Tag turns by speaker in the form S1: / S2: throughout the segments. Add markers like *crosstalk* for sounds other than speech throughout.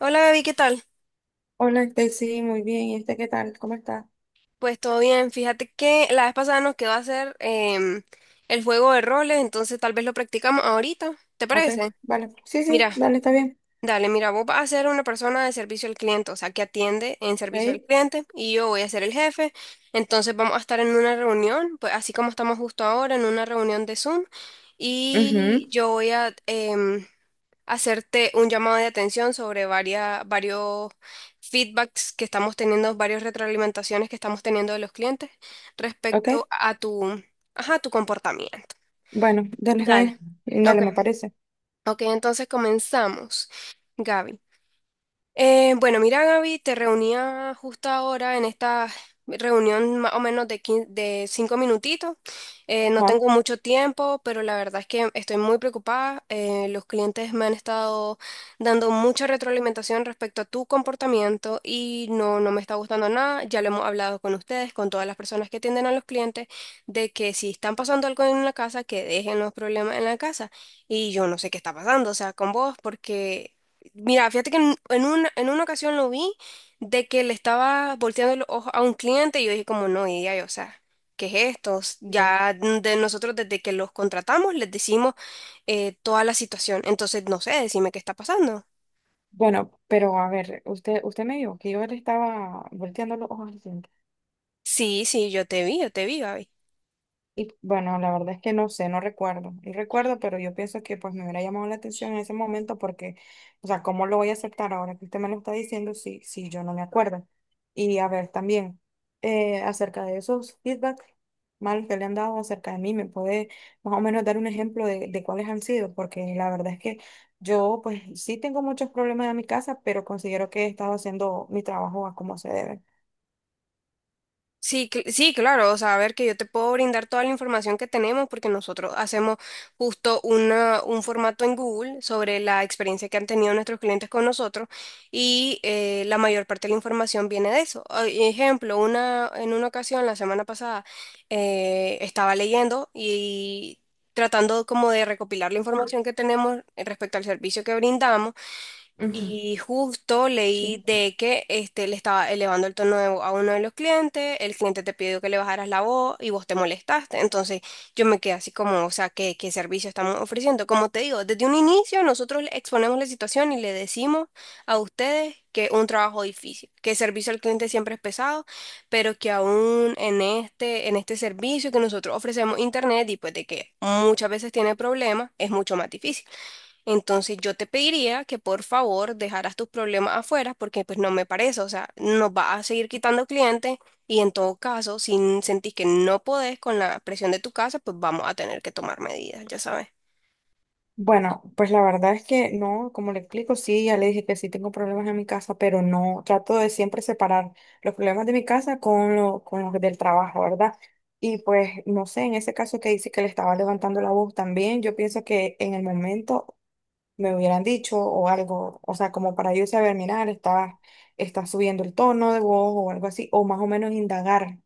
S1: Hola Gaby, ¿qué tal?
S2: Hola, sí, muy bien. ¿Y qué tal? ¿Cómo está?
S1: Pues todo bien. Fíjate que la vez pasada nos quedó a hacer el juego de roles, entonces tal vez lo practicamos ahorita. ¿Te
S2: Ok,
S1: parece?
S2: vale. Sí, sí,
S1: Mira,
S2: dale, está bien.
S1: dale, mira, vos vas a ser una persona de servicio al cliente, o sea, que atiende en servicio al
S2: Ahí.
S1: cliente, y yo voy a ser el jefe. Entonces vamos a estar en una reunión, pues así como estamos justo ahora, en una reunión de Zoom,
S2: Ujú.
S1: y yo voy a hacerte un llamado de atención sobre varios feedbacks que estamos teniendo, varias retroalimentaciones que estamos teniendo de los clientes
S2: Ok,
S1: respecto a tu, ajá, tu comportamiento.
S2: bueno, dale, está
S1: Dale.
S2: bien. Dale, me
S1: Ok.
S2: parece.
S1: Ok, entonces comenzamos. Gaby. Bueno, mira, Gaby, te reunía justo ahora en esta reunión más o menos de, de cinco minutitos. No
S2: Ajá.
S1: tengo mucho tiempo, pero la verdad es que estoy muy preocupada. Los clientes me han estado dando mucha retroalimentación respecto a tu comportamiento y no me está gustando nada. Ya lo hemos hablado con ustedes, con todas las personas que atienden a los clientes, de que si están pasando algo en la casa, que dejen los problemas en la casa. Y yo no sé qué está pasando, o sea, con vos, porque mira, fíjate que en una ocasión lo vi de que le estaba volteando los ojos a un cliente y yo dije como no, y ya, o sea, ¿qué es esto? Ya de nosotros desde que los contratamos les decimos toda la situación, entonces no sé, decime qué está pasando.
S2: Bueno, pero a ver, usted me dijo que yo le estaba volteando los ojos.
S1: Sí, sí, yo te vi, Gaby.
S2: Y bueno, la verdad es que no sé, no recuerdo. Y recuerdo, pero yo pienso que pues me hubiera llamado la atención en ese momento porque, o sea, ¿cómo lo voy a aceptar ahora que usted me lo está diciendo si yo no me acuerdo? Y a ver, también, acerca de esos feedback malos que le han dado acerca de mí, ¿me puede más o menos dar un ejemplo de cuáles han sido? Porque la verdad es que yo pues sí tengo muchos problemas en mi casa, pero considero que he estado haciendo mi trabajo a como se debe.
S1: Sí, sí, claro, o sea, a ver que yo te puedo brindar toda la información que tenemos porque nosotros hacemos justo una, un formato en Google sobre la experiencia que han tenido nuestros clientes con nosotros y la mayor parte de la información viene de eso. Ah, ejemplo, una, en una ocasión la semana pasada estaba leyendo y tratando como de recopilar la información que tenemos respecto al servicio que brindamos.
S2: Ujú.
S1: Y justo leí
S2: Sí.
S1: de que este, le estaba elevando el tono de voz a uno de los clientes, el cliente te pidió que le bajaras la voz y vos te molestaste. Entonces yo me quedé así como, o sea, ¿qué, qué servicio estamos ofreciendo? Como te digo, desde un inicio nosotros le exponemos la situación y le decimos a ustedes que es un trabajo difícil, que el servicio al cliente siempre es pesado, pero que aún en este servicio que nosotros ofrecemos internet y pues de que muchas veces tiene problemas, es mucho más difícil. Entonces yo te pediría que por favor dejaras tus problemas afuera porque pues no me parece, o sea, nos va a seguir quitando clientes y en todo caso, si sentís que no podés con la presión de tu casa, pues vamos a tener que tomar medidas, ya sabes.
S2: Bueno, pues la verdad es que no, como le explico, sí, ya le dije que sí tengo problemas en mi casa, pero no, trato de siempre separar los problemas de mi casa con, lo, con los del trabajo, ¿verdad? Y pues, no sé, en ese caso que dice que le estaba levantando la voz también, yo pienso que en el momento me hubieran dicho o algo, o sea, como para yo saber, mirar, está subiendo el tono de voz o algo así, o más o menos indagar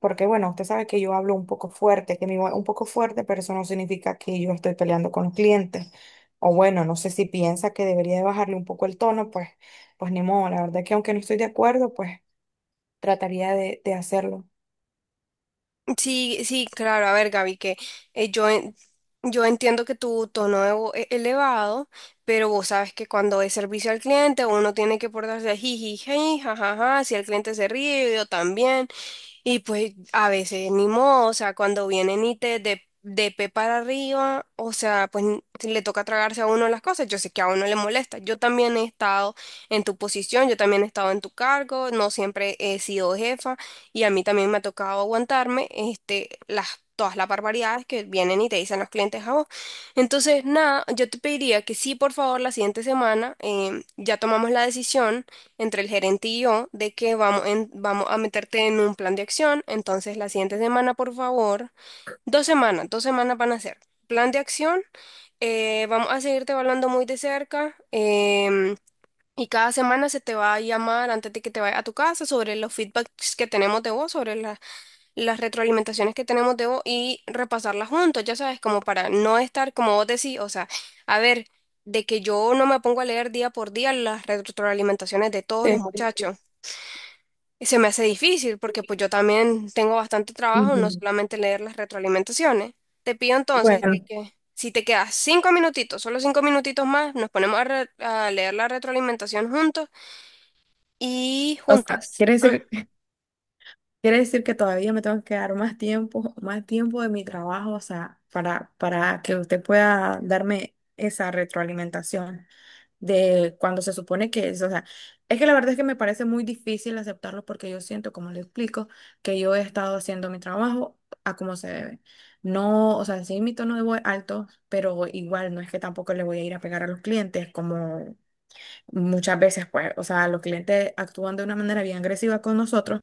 S2: porque bueno, usted sabe que yo hablo un poco fuerte, que mi voz es un poco fuerte, pero eso no significa que yo estoy peleando con los clientes. O bueno, no sé si piensa que debería de bajarle un poco el tono, pues ni modo. La verdad que aunque no estoy de acuerdo, pues trataría de hacerlo.
S1: Sí, sí, claro, a ver Gaby, que yo, yo entiendo que tu tono de voz es elevado, pero vos sabes que cuando es servicio al cliente uno tiene que portarse jiji, jajaja, si el cliente se ríe, yo también. Y pues a veces ni modo, o sea, cuando vienen y te de pe para arriba, o sea, pues le toca tragarse a uno las cosas, yo sé que a uno le molesta. Yo también he estado en tu posición, yo también he estado en tu cargo, no siempre he sido jefa y a mí también me ha tocado aguantarme este, las, todas las barbaridades que vienen y te dicen los clientes a vos. Entonces, nada, yo te pediría que sí, por favor, la siguiente semana ya tomamos la decisión entre el gerente y yo de que vamos, vamos a meterte en un plan de acción. Entonces, la siguiente semana, por favor, dos semanas van a ser. Plan de acción, vamos a seguirte evaluando muy de cerca. Y cada semana se te va a llamar antes de que te vayas a tu casa sobre los feedbacks que tenemos de vos, sobre las retroalimentaciones que tenemos de vos y repasarlas juntos, ya sabes, como para no estar como vos decís, o sea, a ver, de que yo no me pongo a leer día por día las retroalimentaciones de todos los
S2: Sí.
S1: muchachos. Y se me hace difícil porque pues yo también tengo bastante trabajo, no
S2: Ujú.
S1: solamente leer las retroalimentaciones. Te pido entonces de
S2: Bueno,
S1: que si te quedas cinco minutitos, solo cinco minutitos más, nos ponemos a leer la retroalimentación juntos y
S2: o sea,
S1: juntas. Mm.
S2: quiere decir que todavía me tengo que dar más tiempo de mi trabajo, o sea, para que usted pueda darme esa retroalimentación de cuando se supone que es, o sea, es que la verdad es que me parece muy difícil aceptarlo porque yo siento, como le explico, que yo he estado haciendo mi trabajo a como se debe. No, o sea, sí, mi tono de voz alto, pero igual no es que tampoco le voy a ir a pegar a los clientes, como muchas veces, pues, o sea, los clientes actúan de una manera bien agresiva con nosotros,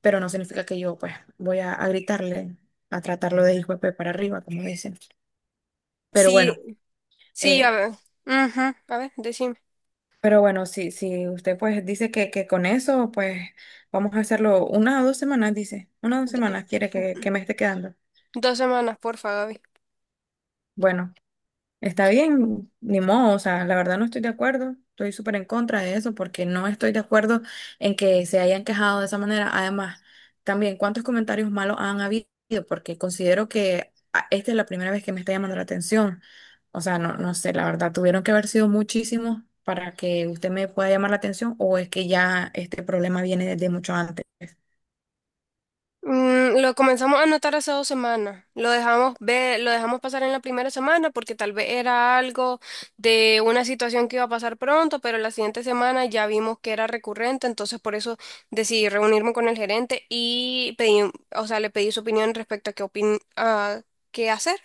S2: pero no significa que yo, pues, voy a gritarle, a tratarlo de hijo de pe para arriba, como dicen. Pero
S1: Sí,
S2: bueno.
S1: sí, a
S2: eh,
S1: ver. Ujú, a ver, decime.
S2: Pero bueno, si usted pues dice que con eso, pues vamos a hacerlo una o dos semanas, dice. Una o dos
S1: Do-
S2: semanas quiere
S1: mm,
S2: que me esté quedando.
S1: Dos semanas, porfa, Gaby.
S2: Bueno. Está bien, ni modo, o sea, la verdad no estoy de acuerdo, estoy súper en contra de eso porque no estoy de acuerdo en que se hayan quejado de esa manera. Además, también, ¿cuántos comentarios malos han habido? Porque considero que esta es la primera vez que me está llamando la atención. O sea, no, no sé, la verdad, tuvieron que haber sido muchísimos para que usted me pueda llamar la atención o es que ya este problema viene desde mucho antes.
S1: Mm, lo comenzamos a notar hace dos semanas. Lo dejamos ver, lo dejamos pasar en la primera semana porque tal vez era algo de una situación que iba a pasar pronto, pero la siguiente semana ya vimos que era recurrente, entonces por eso decidí reunirme con el gerente y pedí, o sea, le pedí su opinión respecto a qué a qué hacer.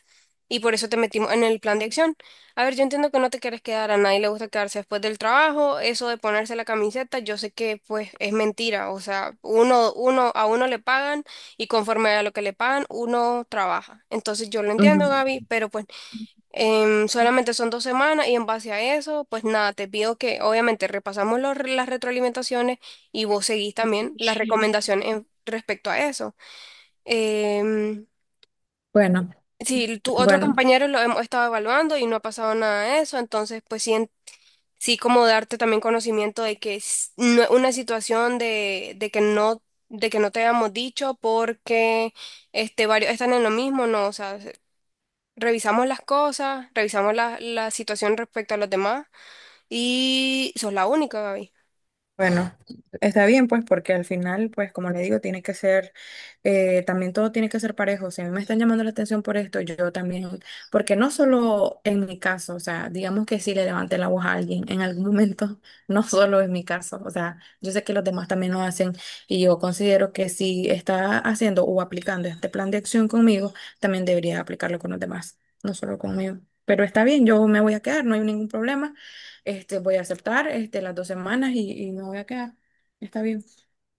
S1: Y por eso te metimos en el plan de acción. A ver, yo entiendo que no te quieres quedar, a nadie le gusta quedarse después del trabajo, eso de ponerse la camiseta, yo sé que pues es mentira, o sea, uno, a uno le pagan y conforme a lo que le pagan, uno trabaja. Entonces yo lo entiendo,
S2: Ujú.
S1: Gaby, pero pues solamente son dos semanas y en base a eso, pues nada, te pido que obviamente repasamos las retroalimentaciones y vos seguís también las recomendaciones respecto a eso. Em,
S2: Bueno,
S1: si tu otros
S2: bueno.
S1: compañeros lo hemos estado evaluando y no ha pasado nada de eso, entonces pues sí sí como darte también conocimiento de que es una situación de que no te habíamos dicho porque este varios están en lo mismo, no, o sea, revisamos las cosas, revisamos la situación respecto a los demás y sos la única, Gaby.
S2: Bueno, está bien, pues, porque al final, pues, como le digo, tiene que ser, también todo tiene que ser parejo. Si a mí me están llamando la atención por esto, yo también, porque no solo en mi caso, o sea, digamos que si le levanté la voz a alguien en algún momento, *laughs* no solo es mi caso, o sea, yo sé que los demás también lo hacen y yo considero que si está haciendo o aplicando este plan de acción conmigo, también debería aplicarlo con los demás, no solo conmigo. Pero está bien, yo me voy a quedar, no hay ningún problema. Este, voy a aceptar este, las dos semanas y me voy a quedar. Está bien.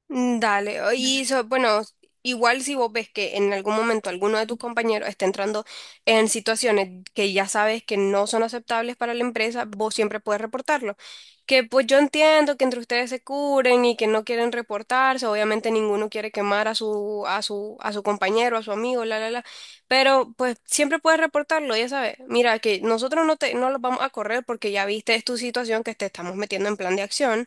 S1: Dale, y bueno, igual si vos ves que en algún momento alguno de tus compañeros está entrando en situaciones que ya sabes que no son aceptables para la empresa, vos siempre puedes reportarlo. Que pues yo entiendo que entre ustedes se curen y que no quieren reportarse, obviamente ninguno quiere quemar a su compañero, a su amigo, la, pero pues siempre puedes reportarlo, ya sabes. Mira, que nosotros no los vamos a correr porque ya viste es tu situación que te estamos metiendo en plan de acción.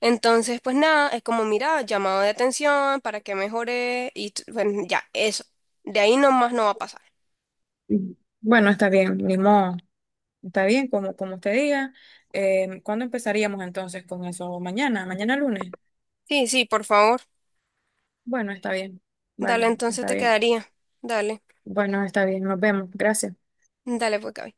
S1: Entonces, pues nada, es como, mira, llamado de atención para que mejore y bueno, ya, eso. De ahí nomás no va a pasar.
S2: Mm. Bueno, está bien, ni modo. Está bien, como, como usted diga. ¿Cuándo empezaríamos entonces con eso? Mañana, mañana lunes.
S1: Sí, sí, por favor.
S2: Bueno, está bien.
S1: Dale,
S2: Vale,
S1: entonces
S2: está
S1: te
S2: bien.
S1: quedaría. Dale,
S2: Bueno, está bien, nos vemos. Gracias.
S1: dale pues, Gaby.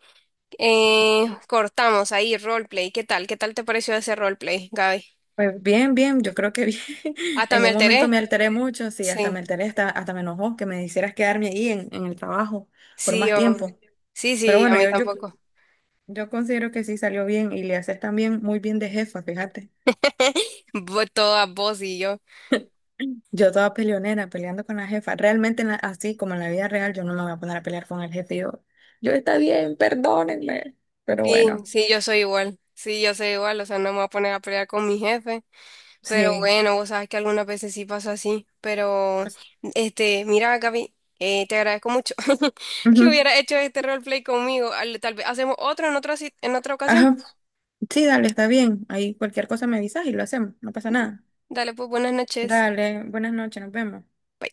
S2: Sí.
S1: Cortamos ahí, roleplay. ¿Qué tal? ¿Qué tal te pareció ese roleplay, Gaby?
S2: Pues bien, bien, yo creo que bien. *laughs*
S1: Hasta
S2: En
S1: me
S2: un momento
S1: alteré.
S2: me alteré mucho, sí, hasta me
S1: Sí,
S2: alteré, hasta, hasta me enojó que me hicieras quedarme ahí en el trabajo por
S1: sí,
S2: más
S1: hombre.
S2: tiempo.
S1: Sí,
S2: Pero
S1: sí, a
S2: bueno,
S1: mí tampoco.
S2: Yo considero que sí salió bien y le haces también muy bien de jefa, fíjate.
S1: Todas vos y yo.
S2: Yo toda peleonera, peleando con la jefa. Realmente en la- así como en la vida real, yo no me voy a poner a pelear con el jefe. Yo está bien, perdónenme. Pero
S1: Sí,
S2: bueno,
S1: sí, yo soy igual. Sí, yo soy igual. O sea, no me voy a poner a pelear con mi jefe. Pero
S2: sí.
S1: bueno, vos sabes que algunas veces sí pasa así. Pero, este, mira, Gaby, te agradezco mucho *laughs* que
S2: Ujú.
S1: hubiera hecho este roleplay conmigo. Tal vez hacemos otro en otra, en otra ocasión.
S2: Ajá. Sí, dale, está bien. Ahí cualquier cosa me avisas y lo hacemos. No pasa nada.
S1: Dale, pues buenas noches.
S2: Dale, buenas noches, nos vemos.
S1: Bye.